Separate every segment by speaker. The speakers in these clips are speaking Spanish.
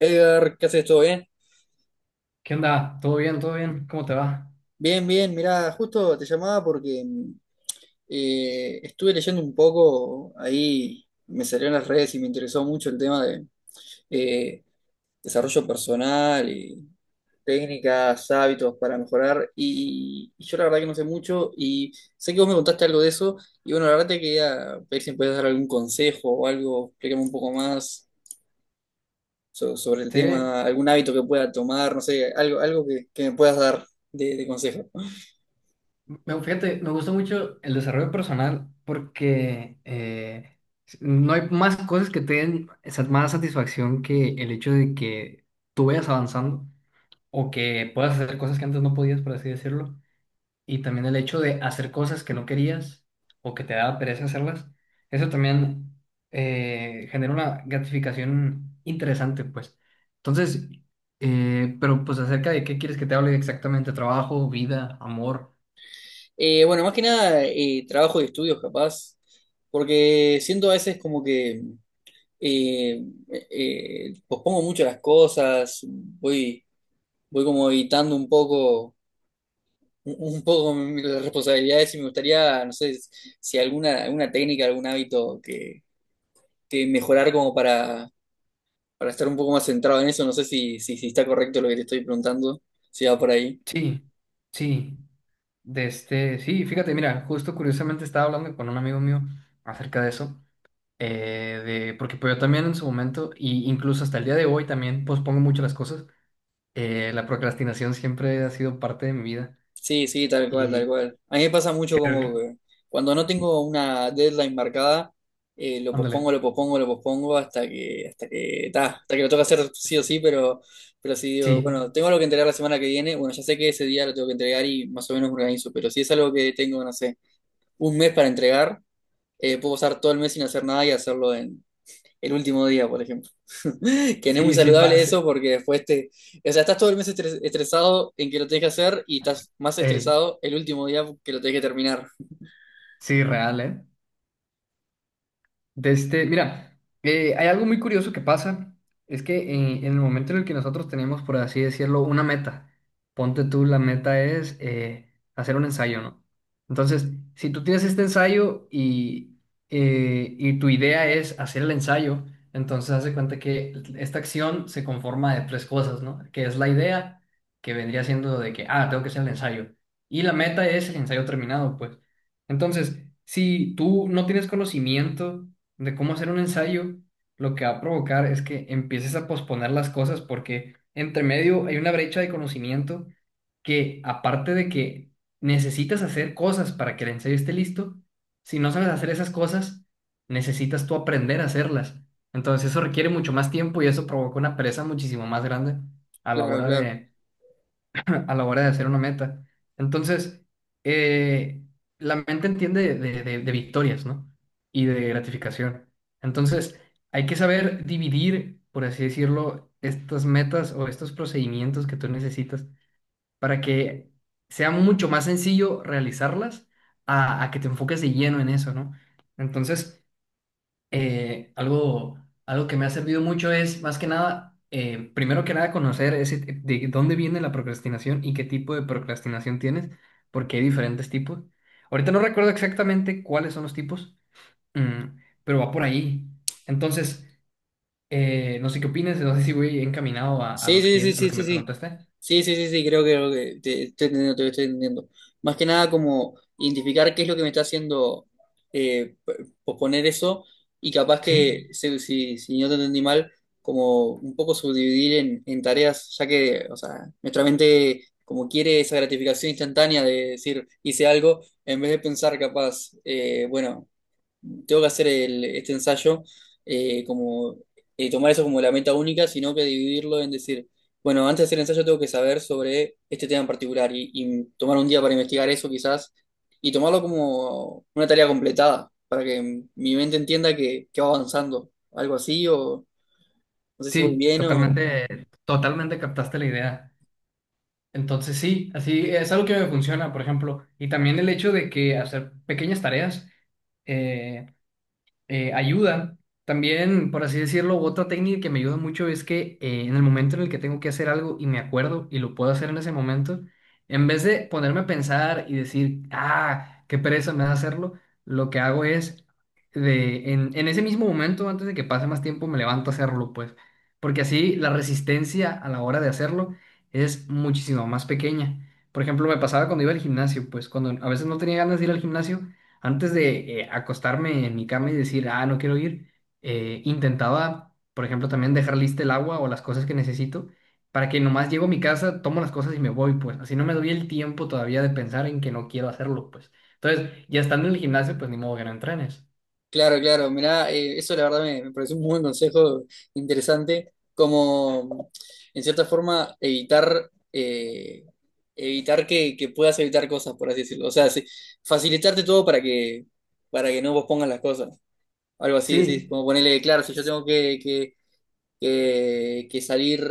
Speaker 1: Edgar, ¿qué haces? ¿Todo bien?
Speaker 2: ¿Qué onda? ¿Todo bien? ¿Todo bien? ¿Cómo te va?
Speaker 1: Bien, bien, mirá, justo te llamaba porque estuve leyendo un poco ahí, me salió en las redes y me interesó mucho el tema de eh, desarrollo personal y técnicas, hábitos para mejorar. Y yo la verdad que no sé mucho y sé que vos me contaste algo de eso. Y bueno, la verdad te quería ver si me podías dar algún consejo o algo, explícame un poco más sobre el
Speaker 2: Sí,
Speaker 1: tema, algún hábito que pueda tomar, no sé, algo, algo que me puedas dar de consejo.
Speaker 2: me, fíjate, me gusta mucho el desarrollo personal porque no hay más cosas que te den más satisfacción que el hecho de que tú vayas avanzando o que puedas hacer cosas que antes no podías, por así decirlo. Y también el hecho de hacer cosas que no querías o que te daba pereza hacerlas, eso también genera una gratificación interesante, pues. Entonces, pero pues acerca de qué quieres que te hable exactamente, trabajo, vida, amor.
Speaker 1: Bueno, más que nada, trabajo y estudios, capaz, porque siento a veces como que eh, pospongo mucho las cosas, voy, voy como evitando un poco, un poco las responsabilidades y me gustaría, no sé, si alguna, alguna técnica, algún hábito que mejorar como para estar un poco más centrado en eso, no sé si está correcto lo que te estoy preguntando, si va por ahí.
Speaker 2: Sí, sí, de este, sí, fíjate, mira, justo curiosamente estaba hablando con un amigo mío acerca de eso, porque pues yo también en su momento, y incluso hasta el día de hoy también pospongo mucho las cosas. La procrastinación siempre ha sido parte de mi vida
Speaker 1: Sí, sí, tal cual, tal
Speaker 2: y
Speaker 1: cual. A mí me pasa mucho
Speaker 2: creo
Speaker 1: como
Speaker 2: que,
Speaker 1: que cuando no tengo una deadline marcada, lo
Speaker 2: ándale,
Speaker 1: pospongo, lo pospongo, lo pospongo hasta que, ta, hasta que lo toca hacer sí o sí, pero sí, digo,
Speaker 2: sí,
Speaker 1: bueno, tengo algo que entregar la semana que viene, bueno, ya sé que ese día lo tengo que entregar y más o menos me organizo, pero si es algo que tengo, no sé, un mes para entregar, puedo pasar todo el mes sin hacer nada y hacerlo el último día, por ejemplo. Que no es muy
Speaker 2: sí, sí,
Speaker 1: saludable
Speaker 2: sí,
Speaker 1: eso porque después te... O sea, estás todo el mes estresado en que lo tenés que hacer y estás más
Speaker 2: ey,
Speaker 1: estresado el último día que lo tenés que terminar.
Speaker 2: sí, real, ¿eh? De este, mira, hay algo muy curioso que pasa, es que en el momento en el que nosotros tenemos, por así decirlo, una meta, ponte tú, la meta es hacer un ensayo, ¿no? Entonces, si tú tienes este ensayo y tu idea es hacer el ensayo, entonces haz de cuenta que esta acción se conforma de tres cosas, ¿no? Que es la idea, que vendría siendo de que, ah, tengo que hacer el ensayo, y la meta es el ensayo terminado, pues. Entonces, si tú no tienes conocimiento, de cómo hacer un ensayo, lo que va a provocar es que empieces a posponer las cosas porque entre medio hay una brecha de conocimiento que aparte de que necesitas hacer cosas para que el ensayo esté listo, si no sabes hacer esas cosas, necesitas tú aprender a hacerlas. Entonces eso requiere mucho más tiempo y eso provoca una pereza muchísimo más grande a la
Speaker 1: Claro,
Speaker 2: hora
Speaker 1: claro.
Speaker 2: de a la hora de hacer una meta. Entonces, eh, la mente entiende de victorias, ¿no? Y de gratificación. Entonces, hay que saber dividir, por así decirlo, estas metas o estos procedimientos que tú necesitas para que sea mucho más sencillo realizarlas a que te enfoques de lleno en eso, ¿no? Entonces, eh, algo, algo que me ha servido mucho es, más que nada, primero que nada, conocer ese, de dónde viene la procrastinación y qué tipo de procrastinación tienes, porque hay diferentes tipos. Ahorita no recuerdo exactamente cuáles son los tipos, mm, pero va por ahí. Entonces, no sé qué opinas, no sé si voy encaminado a
Speaker 1: Sí,
Speaker 2: lo que,
Speaker 1: sí, sí,
Speaker 2: a lo
Speaker 1: sí,
Speaker 2: que
Speaker 1: sí,
Speaker 2: me
Speaker 1: sí.
Speaker 2: preguntaste.
Speaker 1: Sí, sí, sí, sí, creo creo que te estoy entendiendo, te estoy entendiendo. Más que nada como identificar qué es lo que me está haciendo eh, p- posponer eso y capaz
Speaker 2: Sí,
Speaker 1: que, si no te entendí mal, como un poco subdividir en tareas, ya que, o sea, nuestra mente como quiere esa gratificación instantánea de decir, hice algo, en vez de pensar capaz, bueno, tengo que hacer este ensayo como tomar eso como la meta única, sino que dividirlo en decir, bueno, antes de hacer el ensayo tengo que saber sobre este tema en particular y tomar un día para investigar eso quizás y tomarlo como una tarea completada para que mi mente entienda que va avanzando, algo así o no sé si voy
Speaker 2: sí,
Speaker 1: bien o,
Speaker 2: totalmente, totalmente captaste la idea. Entonces sí, así es algo que me funciona, por ejemplo, y también el hecho de que hacer pequeñas tareas. eh, ayuda. También, por así decirlo, otra técnica que me ayuda mucho es que en el momento en el que tengo que hacer algo y me acuerdo y lo puedo hacer en ese momento, en vez de ponerme a pensar y decir, ah, qué pereza me da hacerlo, lo que hago es, en ese mismo momento, antes de que pase más tiempo, me levanto a hacerlo, pues, porque así la resistencia a la hora de hacerlo es muchísimo más pequeña. Por ejemplo, me pasaba cuando iba al gimnasio, pues cuando a veces no tenía ganas de ir al gimnasio, antes de acostarme en mi cama y decir, ah, no quiero ir, intentaba, por ejemplo, también dejar lista el agua o las cosas que necesito para que nomás llego a mi casa, tomo las cosas y me voy, pues. Así no me doy el tiempo todavía de pensar en que no quiero hacerlo, pues. Entonces, ya estando en el gimnasio, pues ni modo que no entrenes.
Speaker 1: claro, claro, mirá, eso la verdad me, me pareció un muy buen consejo interesante, como en cierta forma evitar, evitar que puedas evitar cosas, por así decirlo. O sea, sí, facilitarte todo para que no vos pongas las cosas. Algo así, decís,
Speaker 2: Sí,
Speaker 1: como ponerle, claro, si yo tengo que que salir,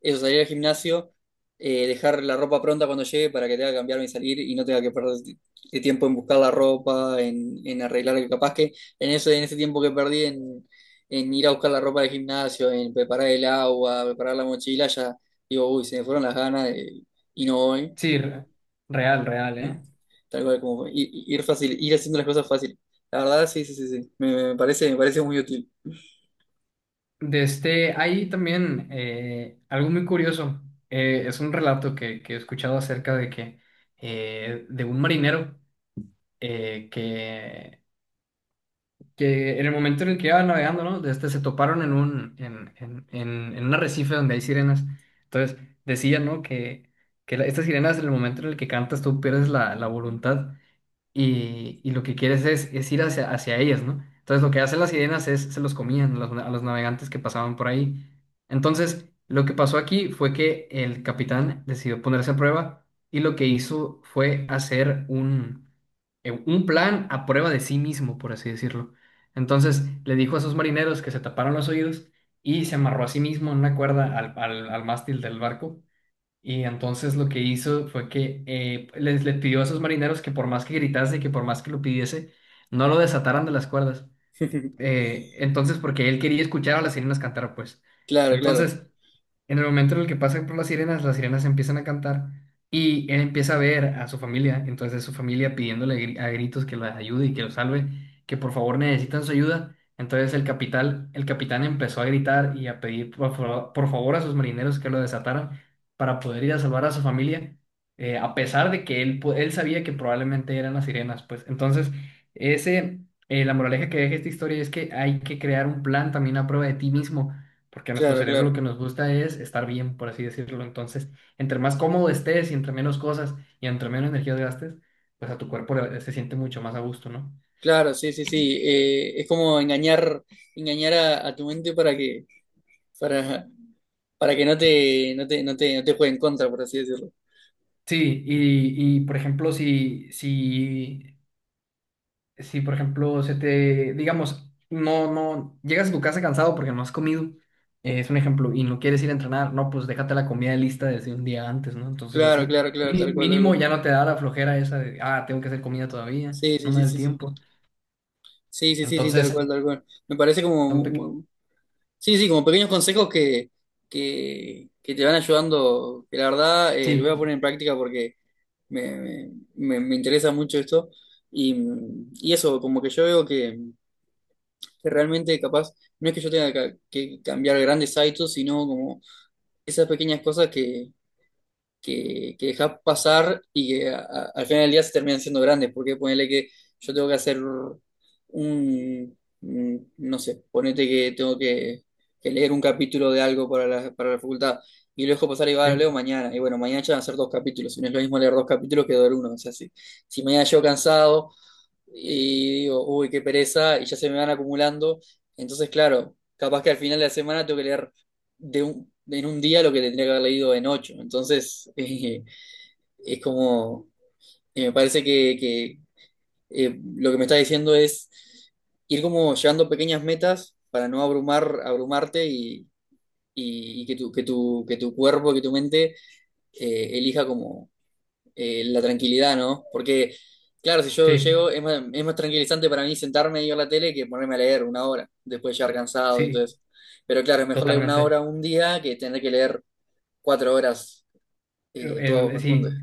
Speaker 1: eso, salir al gimnasio, dejar la ropa pronta cuando llegue para que tenga que cambiarme y salir y no tenga que perder tiempo en buscar la ropa, en arreglar, que capaz que en eso, en ese tiempo que perdí en ir a buscar la ropa del gimnasio, en preparar el agua, preparar la mochila, ya digo, uy, se me fueron las ganas de- y no voy.
Speaker 2: sí, real, real, ¿eh?
Speaker 1: Tal cual como fue. Ir, ir fácil, ir haciendo las cosas fácil. La verdad, sí, sí, sí, sí. Me, me parece muy útil.
Speaker 2: De este, hay también algo muy curioso. Es un relato que he escuchado acerca de que de un marinero eh, que que en el momento en el que iban navegando, ¿no? De Este, se toparon en un arrecife donde hay sirenas. Entonces, decían, ¿no? Que estas sirenas, en el momento en el que cantas, tú pierdes la voluntad y lo que quieres es ir hacia ellas, ¿no? Entonces lo que hacen las sirenas es, se los comían a los navegantes que pasaban por ahí. Entonces, lo que pasó aquí fue que el capitán decidió ponerse a prueba y lo que hizo fue hacer un plan a prueba de sí mismo, por así decirlo. Entonces, le dijo a sus marineros que se taparon los oídos y se amarró a sí mismo en una cuerda al al mástil del barco y entonces lo que hizo fue que le pidió a esos marineros que por más que gritase y que por más que lo pidiese, no lo desataran de las cuerdas. Entonces, porque él quería escuchar a las sirenas cantar, pues.
Speaker 1: Claro, claro,
Speaker 2: Entonces, en el momento en el que pasan por las sirenas empiezan a cantar y él empieza a ver a su familia, entonces su familia pidiéndole a gritos que la ayude y que lo salve, que por favor necesitan su ayuda. Entonces el capitán empezó a gritar y a pedir por favor a sus marineros que lo desataran para poder ir a salvar a su familia, a pesar de que él sabía que probablemente eran las sirenas, pues. Entonces, ese, la moraleja que deja esta historia es que hay que crear un plan también a prueba de ti mismo porque a nuestro
Speaker 1: claro,
Speaker 2: cerebro lo
Speaker 1: claro.
Speaker 2: que nos gusta es estar bien, por así decirlo. Entonces, entre más cómodo estés y entre menos cosas y entre menos energía gastes, pues a tu cuerpo se siente mucho más a gusto, ¿no?
Speaker 1: Claro, sí, sí, sí. Es como engañar, engañar a tu mente para, para que no te, no te, no te, no te juegue en contra, por así decirlo.
Speaker 2: Sí, y por ejemplo, si, por ejemplo, se te, digamos, no, no, llegas a tu casa cansado porque no has comido, es un ejemplo, y no quieres ir a entrenar, no, pues déjate la comida lista desde un día antes, ¿no? Entonces
Speaker 1: Claro,
Speaker 2: así,
Speaker 1: claro, claro, tal cual, tal
Speaker 2: mínimo
Speaker 1: cual.
Speaker 2: ya no te da la flojera esa de, ah, tengo que hacer comida todavía,
Speaker 1: Sí,
Speaker 2: no
Speaker 1: sí,
Speaker 2: me
Speaker 1: sí,
Speaker 2: da el
Speaker 1: sí, sí.
Speaker 2: tiempo.
Speaker 1: Sí, sí, sí, sí, tal
Speaker 2: Entonces,
Speaker 1: cual, tal cual. Me parece como,
Speaker 2: Son peque-
Speaker 1: sí, sí, como pequeños consejos que te van ayudando, que la verdad los voy a
Speaker 2: Sí,
Speaker 1: poner en práctica porque me, me, me interesa mucho esto. Y, y eso, como que yo veo que realmente capaz, no es que yo tenga que cambiar grandes hábitos, sino como esas pequeñas cosas que dejás pasar y que al final del día se terminan siendo grandes, porque ponele que yo tengo que hacer un, no sé, ponete que tengo que leer un capítulo de algo para la facultad. Y lo dejo pasar y va, lo
Speaker 2: sí,
Speaker 1: leo mañana. Y bueno, mañana ya van a ser dos capítulos. Y no es lo mismo leer dos capítulos que leer uno. O sea, si, si mañana llego cansado y digo, uy, qué pereza, y ya se me van acumulando. Entonces, claro, capaz que al final de la semana tengo que leer de un, en un día lo que tendría que haber leído en ocho. Entonces, es como, me parece lo que me está diciendo es ir como llevando pequeñas metas para no abrumar, abrumarte y, y que tu, que tu, que tu cuerpo, que tu mente elija como la tranquilidad, ¿no? Porque, claro, si yo
Speaker 2: sí,
Speaker 1: llego, es más tranquilizante para mí sentarme y ver la tele que ponerme a leer una hora, después de llegar cansado y todo
Speaker 2: sí,
Speaker 1: eso. Pero claro, es mejor leer una
Speaker 2: totalmente.
Speaker 1: hora un día que tener que leer cuatro horas todos juntos.
Speaker 2: Sí,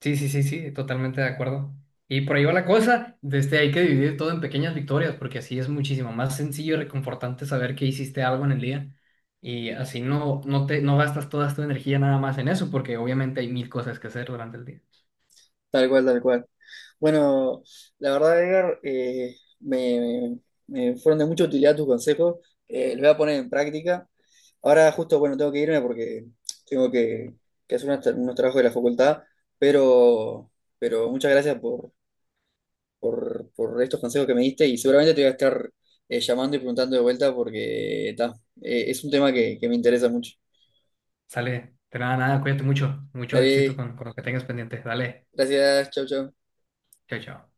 Speaker 2: sí, sí, sí, sí, totalmente de acuerdo. Y por ahí va la cosa, desde hay que dividir todo en pequeñas victorias, porque así es muchísimo más sencillo y reconfortante saber que hiciste algo en el día. Y así no, no te, no gastas toda tu energía nada más en eso, porque obviamente hay mil cosas que hacer durante el día.
Speaker 1: Tal cual, tal cual. Bueno, la verdad, Edgar, me, me fueron de mucha utilidad tus consejos. Los voy a poner en práctica. Ahora justo, bueno, tengo que irme porque tengo que hacer unos, unos trabajos de la facultad, pero, pero muchas gracias por por estos consejos que me diste y seguramente te voy a estar llamando y preguntando de vuelta porque ta, es un tema que me interesa mucho.
Speaker 2: Sale, de nada, nada, cuídate mucho, mucho éxito
Speaker 1: Dale,
Speaker 2: con lo que tengas pendiente. Dale,
Speaker 1: gracias, chau, chau.
Speaker 2: chao, chao.